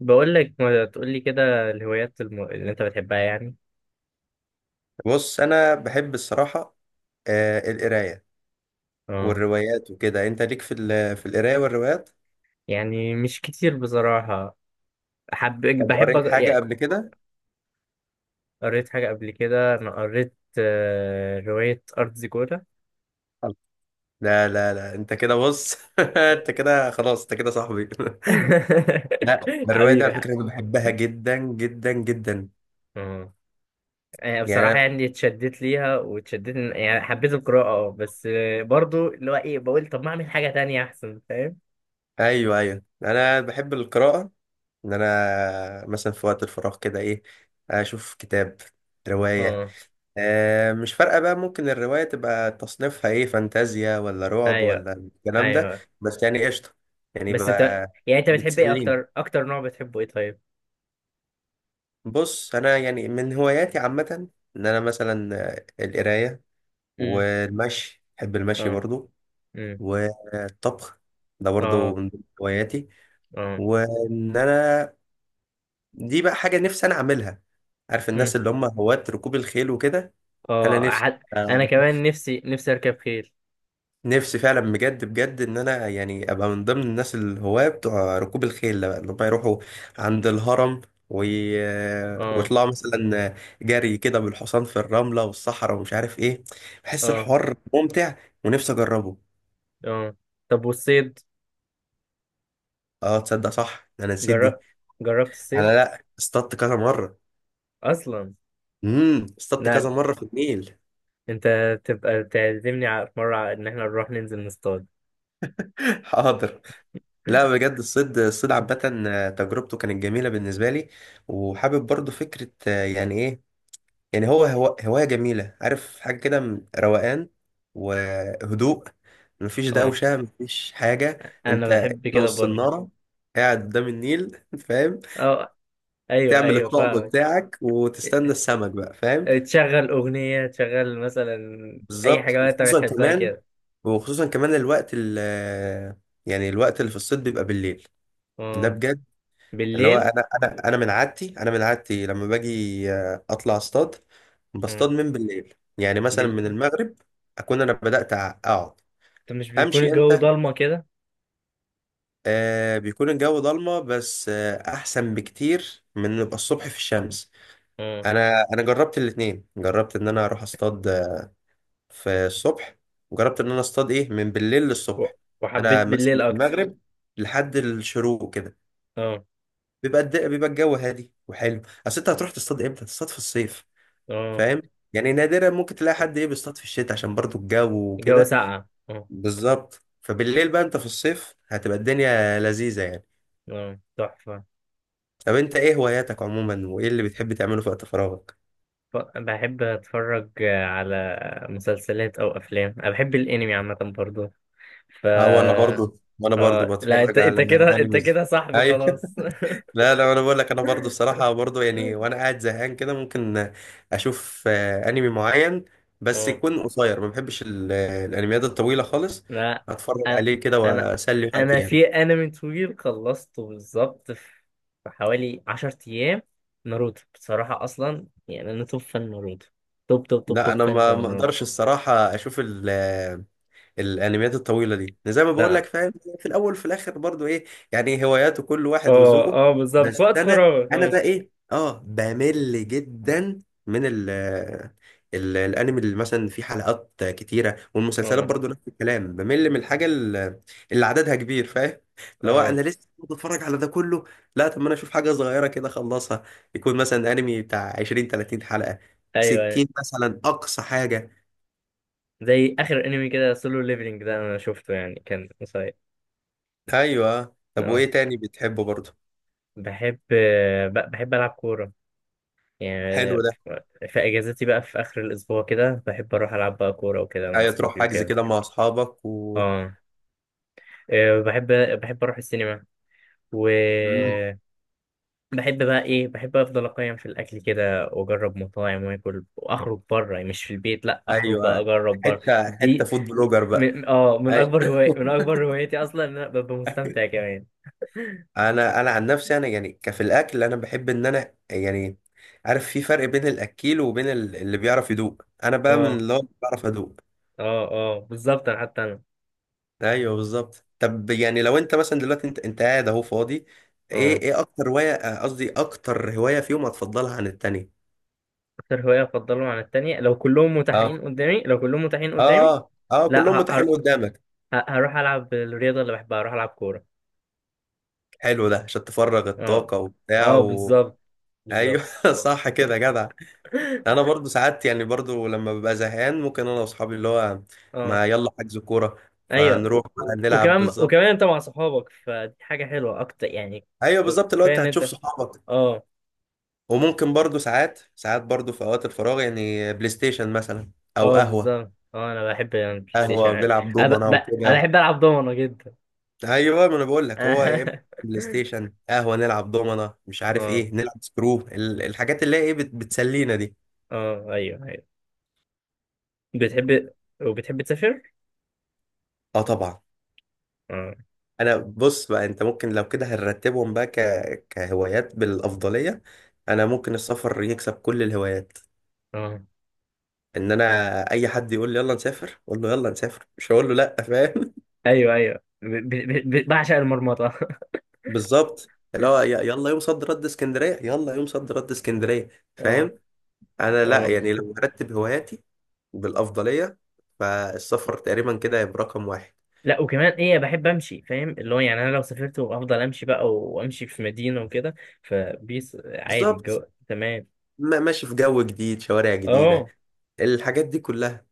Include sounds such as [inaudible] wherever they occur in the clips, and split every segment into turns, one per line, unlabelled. بقول لك، ما تقول لي كده الهوايات اللي انت بتحبها يعني.
بص، انا بحب الصراحه. آه، القرايه
اه.
والروايات وكده، انت ليك في في القرايه والروايات؟
يعني مش كتير بصراحة. حب
طب
بحب
قريت حاجه
يعني.
قبل كده؟
قريت حاجة قبل كده. انا قريت رواية أرض زيكولا.
لا لا لا، انت كده بص [laughs] انت كده خلاص، انت كده صاحبي [laughs]
[laughs]
لا، الروايه دي
حبيبي.
على فكره انا بحبها جدا جدا جدا.
اه.
يعني
بصراحة
أنا-
يعني اتشدت ليها واتشدت يعني حبيت القراءة بس برضو اللي هو ايه بقول طب ما اعمل حاجة تانية احسن، فاهم؟
ايوه، ايوه، انا بحب القراءه. ان انا مثلا في وقت الفراغ كده ايه، اشوف كتاب، روايه.
اه،
مش فارقة بقى، ممكن الرواية تبقى تصنيفها ايه، فانتازيا ولا رعب
ايوه،
ولا الكلام ده.
ايوه.
بس يعني قشطة، يعني
بس انت،
بقى.
يعني انت بتحب ايه
بتسليني.
اكتر؟ اكتر نوع بتحبه ايه طيب؟
بص، أنا يعني من هواياتي عامة، إن أنا مثلا القراية،
امم.
والمشي، بحب المشي
اه،
برضو، والطبخ، ده برضو
اه،
من ضمن هواياتي.
اه.
وإن أنا، دي بقى حاجة نفسي أنا أعملها. عارف
مم.
الناس اللي هم هواة ركوب الخيل وكده؟ أنا
اه.
نفسي
انا كمان نفسي نفسي اركب خيل.
نفسي فعلا، بجد بجد، ان انا يعني ابقى من ضمن الناس الهواة بتوع ركوب الخيل ده، بقى اللي هم يروحوا عند الهرم وي... آه،
اه،
ويطلعوا مثلا جري كده بالحصان في الرملة والصحراء، ومش عارف ايه. بحس
اه،
الحوار ممتع، ونفسي اجربه.
اه. طب والصيد؟
اه، تصدق؟ صح، ده انا نسيت دي.
جرب... جربت
انا،
الصيد
لا، اصطدت كذا مرة.
اصلا؟
اصطدت
لا،
كذا مرة في النيل.
انت تبقى تعزمني، على في مره، على ان احنا نروح ننزل نصطاد.
[laughs] حاضر. لا
[laughs]
بجد، الصيد الصيد عامة، تجربته كانت جميلة بالنسبة لي. وحابب برضو فكرة، يعني ايه، يعني هو هو هواية جميلة، عارف، حاجة كده روقان وهدوء. مفيش
اه،
دوشة، مفيش حاجة.
انا
انت
بحب كده برضو.
والصنارة، قاعد قدام النيل [laughs] فاهم؟
اه، ايوه،
تعمل
ايوه،
الطقم
فاهمك.
بتاعك وتستنى السمك بقى، فاهم؟
تشغل اغنيه، تشغل مثلا. اي
بالظبط،
حاجه بقى انت
وخصوصا
بتحبها
كمان
كده.
وخصوصا كمان الوقت ال يعني الوقت اللي في الصيد بيبقى بالليل، ده
اه.
بجد. اللي هو
بالليل.
انا من عادتي لما باجي اطلع اصطاد،
مم.
بصطاد من بالليل، يعني مثلا من
بال...
المغرب. اكون انا بدات اقعد.
طب مش بيكون
امشي
الجو
امتى؟
ضلمه كده؟
آه، بيكون الجو ضلمه، بس احسن بكتير من نبقى الصبح في الشمس. انا جربت الاتنين، جربت ان انا اروح اصطاد في الصبح، وجربت ان انا اصطاد ايه من بالليل
و-
للصبح.
وحبيت
انا مثلا
بالليل
من
اكتر.
المغرب لحد الشروق كده،
اه،
بيبقى الجو هادي وحلو. اصل انت هتروح تصطاد امتى؟ تصطاد في الصيف،
اه.
فاهم؟ يعني نادرا ممكن تلاقي حد ايه بيصطاد في الشتاء، عشان برضو الجو
الجو
وكده.
ساقع. اه.
بالظبط، فبالليل بقى انت في الصيف هتبقى الدنيا لذيذة يعني.
اه، تحفة.
طب انت ايه هواياتك عموما، وايه اللي بتحب تعمله في وقت فراغك؟
بحب اتفرج على مسلسلات او افلام. انا بحب الانمي عامة برضه. ف
اه، وانا برضو
اه، لا، انت
بتفرج
انت
على
كده انت
انيمز.
كده صاحبي
ايوه [laughs]
خلاص. [laughs]
لا لا، انا بقول لك، انا برضو الصراحة برضو يعني، وانا قاعد زهقان كده ممكن اشوف انمي معين، بس
اه،
يكون قصير. ما بحبش الانميات الطويلة خالص،
لا،
اتفرج
انا
عليه كده
انا
واسلي وقتي
انا
يعني.
في انمي طويل خلصته بالظبط في في حوالي 10 ايام. ناروتو. بصراحة اصلا يعني انا توب فان ناروتو، توب توب توب
لا،
توب
انا
فان
ما
ده.
اقدرش الصراحه اشوف الانميات الطويله دي، يعني زي ما بقول لك،
لا.
فاهم؟ في الاول وفي الاخر برضو ايه، يعني هواياته كل واحد
اه،
وذوقه.
اه، بالظبط في
بس
وقت
انا
فراغك.
انا
اه.
بقى ايه، اه، بمل جدا من الانمي اللي مثلا فيه حلقات كتيره، والمسلسلات
اه،
برضو نفس الكلام، بمل من الحاجه اللي عددها كبير، فاهم؟ اللي هو انا
اه،
لسه بتفرج على ده كله. لا، طب ما انا اشوف حاجه صغيره كده اخلصها، يكون مثلا انمي بتاع 20 30 حلقه،
ايوه، أيوة.
60 مثلا اقصى حاجه.
زي اخر انمي كده، سولو ليفلنج ده انا شفته، يعني كان قصير.
ايوه، طب
اه.
وايه تاني بتحبه برضو؟
بحب، بحب العب كوره يعني.
حلو ده.
في اجازتي بقى في اخر الاسبوع كده، بحب اروح العب بقى كوره وكده مع
ايوه، تروح
اصحابي
حجز
وكده.
كده مع اصحابك و،
اه. آه، بحب بحب اروح السينما، و
مم.
بحب بقى ايه، بحب افضل اقيم في الاكل كده، واجرب مطاعم واكل، واخرج بره مش في البيت، لا اخرج بقى
ايوه،
اجرب بره.
حته حته
دي
فود بلوجر بقى.
من
أي...
اكبر هواي من اكبر هوايتي اصلا، ان انا ببقى مستمتع كمان.
[laughs] انا عن نفسي انا يعني، كفي الاكل، انا بحب ان انا يعني عارف، في فرق بين الاكيل وبين اللي بيعرف يدوق، انا بقى من
اه،
اللي هو بعرف ادوق.
اه، اه، بالظبط انا حتى انا.
ايوه بالظبط، طب يعني لو انت مثلا دلوقتي انت قاعد اهو فاضي، ايه
اه.
ايه اكتر هوايه، قصدي اكتر هوايه فيهم هتفضلها عن التانية؟
اكتر هوايه افضلهم عن التانية؟
اه،
لو كلهم متاحين
اه،
قدامي.
اه، اه،
لا،
كلهم متاحين قدامك.
هروح العب الرياضه اللي بحبها. هروح العب كوره.
حلو ده، عشان تفرغ
اه،
الطاقة وبتاع
اه،
و...
بالظبط،
ايوه
بالظبط.
[laughs] صح كده يا جدع. انا
[laughs]
برضو ساعات يعني، برضو لما ببقى زهقان ممكن انا واصحابي، اللي هو
اه،
ما يلا حجز كورة،
ايوه.
فنروح بقى نلعب.
وكمان
بالظبط،
وكمان، انت مع صحابك، فدي حاجه حلوه اكتر يعني.
ايوه بالظبط، اللي هو
كفايه
انت
ان
هتشوف
انت.
صحابك.
اه،
وممكن برضو ساعات ساعات، برضو في اوقات الفراغ، يعني بلاي ستيشن مثلا او
اه،
قهوة،
بالظبط. اه، انا بحب البلاي
قهوة
ستيشن.
بنلعب
انا ب...
دومنا
ب... انا
وكده.
بحب العب دومنه جدا.
ايوه ما انا بقول
[laughs]
لك، هو يا إما
اه،
بلاي ستيشن، قهوة نلعب دومنا، مش عارف ايه، نلعب سكرو الحاجات اللي هي ايه بتسلينا دي.
اه، ايوه، ايوه، بتحب. وبتحب تسافر؟
اه، طبعا.
اه،
انا بص بقى، انت ممكن لو كده هنرتبهم بقى كهوايات بالافضليه، انا ممكن السفر يكسب كل الهوايات.
اه،
ان انا اي حد يقول لي يلا نسافر، اقول له يلا نسافر، مش هقول له لا، فاهم؟
ايوه، ايوه، بعشق المرمطه. [laughs]
[laughs] بالظبط، اللي هو يلا يوم صد رد اسكندريه، يلا يوم صد رد اسكندريه،
اه،
فاهم؟ انا لا
اه،
يعني، لو هرتب هواياتي بالافضليه فالسفر تقريبا كده هيبقى رقم واحد.
لا وكمان ايه، بحب امشي، فاهم؟ اللي هو يعني انا لو سافرت وافضل امشي بقى، وامشي في مدينه وكده. فبيس عادي الجو.
بالظبط،
تمام.
ماشي في جو جديد، شوارع جديده،
اه،
الحاجات دي كلها.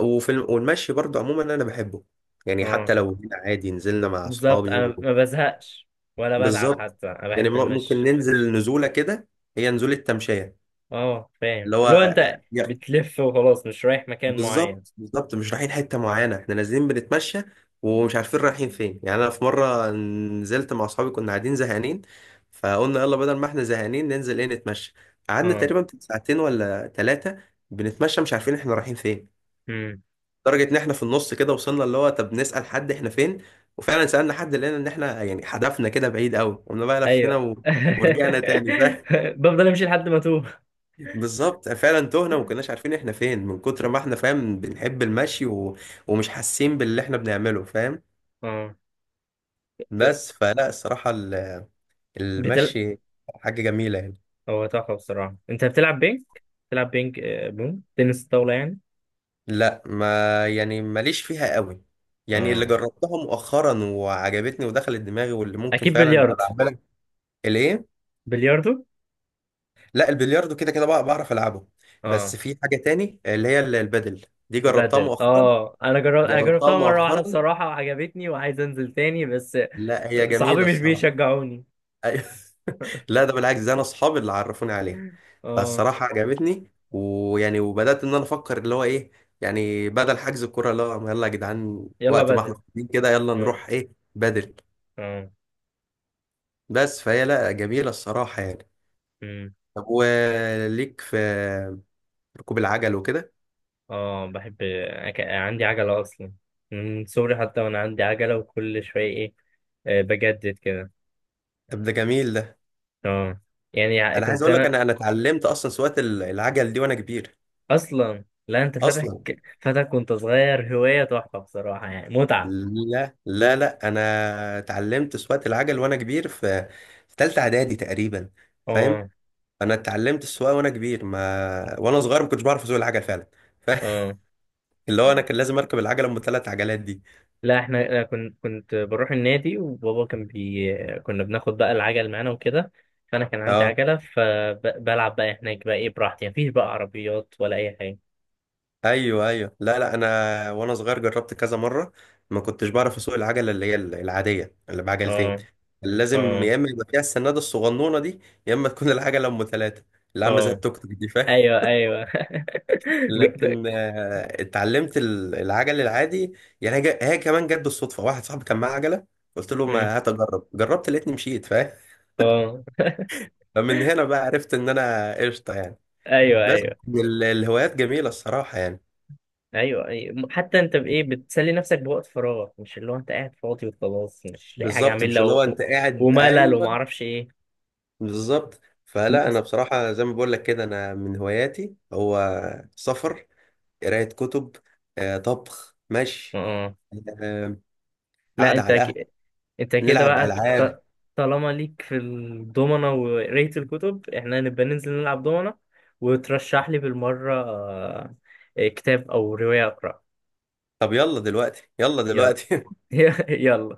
والمشي برضه عموما انا بحبه، يعني حتى
اه،
لو هنا عادي نزلنا مع
بالظبط.
اصحابي
انا
و...
ما بزهقش ولا بتعب،
بالظبط،
حتى انا
يعني
بحب
ممكن
المشي.
ننزل نزوله كده، هي نزوله تمشيه،
اه، فاهم.
اللي هو
اللي هو انت
يا-
بتلف وخلاص، مش رايح مكان معين.
بالظبط، بالظبط مش رايحين حته معينه، احنا نازلين بنتمشى ومش عارفين رايحين فين. يعني انا في مره نزلت مع اصحابي، كنا قاعدين زهقانين فقلنا يلا، بدل ما احنا زهقانين ننزل ايه، نتمشى. قعدنا
اه،
تقريبا ساعتين ولا ثلاثه بنتمشى، مش عارفين احنا رايحين فين، لدرجه ان احنا في النص كده وصلنا اللي هو، طب نسال حد احنا فين. وفعلا سالنا حد، لقينا ان احنا يعني هدفنا كده بعيد قوي، قمنا بقى لفينا
ايوه.
و... ورجعنا تاني، فاهم؟ [laughs]
[laughs] بفضل امشي لحد ما اتوه.
بالظبط، فعلا تهنا وما كناش عارفين احنا فين، من كتر ما احنا، فاهم، بنحب المشي و... ومش حاسين باللي احنا بنعمله، فاهم؟
اه.
بس فلا الصراحه ال-
بتل...
المشي حاجه جميله يعني.
هو تحفة بصراحة. انت بتلعب بينج بون تنس طاولة يعني؟
لا، ما يعني ماليش فيها قوي، يعني اللي
اه،
جربتها مؤخرا وعجبتني ودخلت دماغي، واللي ممكن
اكيد.
فعلا
بلياردو.
ابقى اعملها. الايه؟
بلياردو.
لا، البلياردو كده كده بقى بعرف العبه. بس
اه،
في حاجه تاني اللي هي البادل دي، جربتها
بدل.
مؤخرا.
اه انا
جربتها
جربتها مرة واحدة
مؤخرا
بصراحة وعجبتني، وعايز انزل تاني بس.
لا، هي
صحابي
جميله
مش
الصراحه.
بيشجعوني.
أيوة. [laughs] لا، ده بالعكس، ده انا اصحابي اللي عرفوني عليها،
اه،
فالصراحه عجبتني، ويعني وبدات ان انا افكر اللي هو ايه، يعني بدل حجز الكوره اللي هو يلا يا جدعان،
يلا
وقت ما احنا
بدل،
فاضيين كده يلا
اه،
نروح ايه بدل.
اه.
بس فهي لا، جميله الصراحه يعني.
امم.
طب وليك في ركوب العجل وكده؟
اه، بحب. عندي عجلة اصلا. من صغري، حتى وانا عندي عجلة، وكل شوية ايه، بجدد كده.
طب ده جميل.
اه. يعني
انا عايز
كنت
اقول لك،
انا.
انا اتعلمت اصلا سواقه العجل دي وانا كبير،
اصلا لا، انت فاتك.
اصلا.
فاتك وانت صغير، هواية تحفة بصراحة يعني، متعة.
لا لا لا، انا اتعلمت سواقه العجل وانا كبير في ثالثه اعدادي تقريبا، فاهم؟
اه،
انا اتعلمت السواقه وانا كبير، ما وانا صغير ما كنتش بعرف اسوق العجل فعلا. ف- [laughs]
اه.
اللي هو انا كان لازم اركب العجله ام ثلاث عجلات دي.
لا احنا، أنا كنت بروح النادي، وبابا كان بي كنا بناخد بقى العجل معانا وكده. فانا كان عندي
اه،
عجلة، فبلعب بقى هناك بقى ايه، براحتي، مفيش بقى عربيات ولا اي حاجة.
ايوه ايوه، لا لا، انا وانا صغير جربت كذا مره، ما كنتش بعرف اسوق العجله اللي هي العاديه اللي بعجلتين،
اه،
لازم
اه،
يا اما يبقى فيها السناده الصغنونه دي، يا اما تكون [laughs] العجله ام ثلاثه، اللي عامله زي
اه،
التوك توك دي، فاهم؟
ايوه، ايوه. [laughs] جو- ت-
لكن اتعلمت العجل العادي، يعني هي هي كمان جت بالصدفه، واحد صاحبي كان معاه عجله، قلت له
مم.
ما هات اجرب، جربت لقيتني مشيت، فاهم؟
اه،
فمن هنا بقى عرفت ان انا قشطه يعني.
ايوه،
بس
ايوه،
الهوايات جميله الصراحه يعني.
ايوه، ايوه. حتى انت بايه بتسلي نفسك بوقت فراغك؟ مش اللي هو انت قاعد فاضي وخلاص، مش لاقي حاجه
بالظبط، مش
اعملها
اللي هو انت قاعد،
وملل، وما
ايوه.
اعرفش ايه.
بالظبط، فلا انا
[laughs] اه،
بصراحه زي ما بقول لك كده، انا من هواياتي هو سفر، قرايه كتب، طبخ، مشي،
آه.
آه،
لا
قعده
انت
على القهوه،
انت كده
نلعب
بقى
العاب.
طالما ليك في الدومنة وقرايه الكتب، احنا نبقى ننزل نلعب دومنة. وترشح لي بالمره كتاب او روايه اقرا.
طب يلا دلوقتي، يلا
يلا.
دلوقتي [laughs]
[laughs] يلا.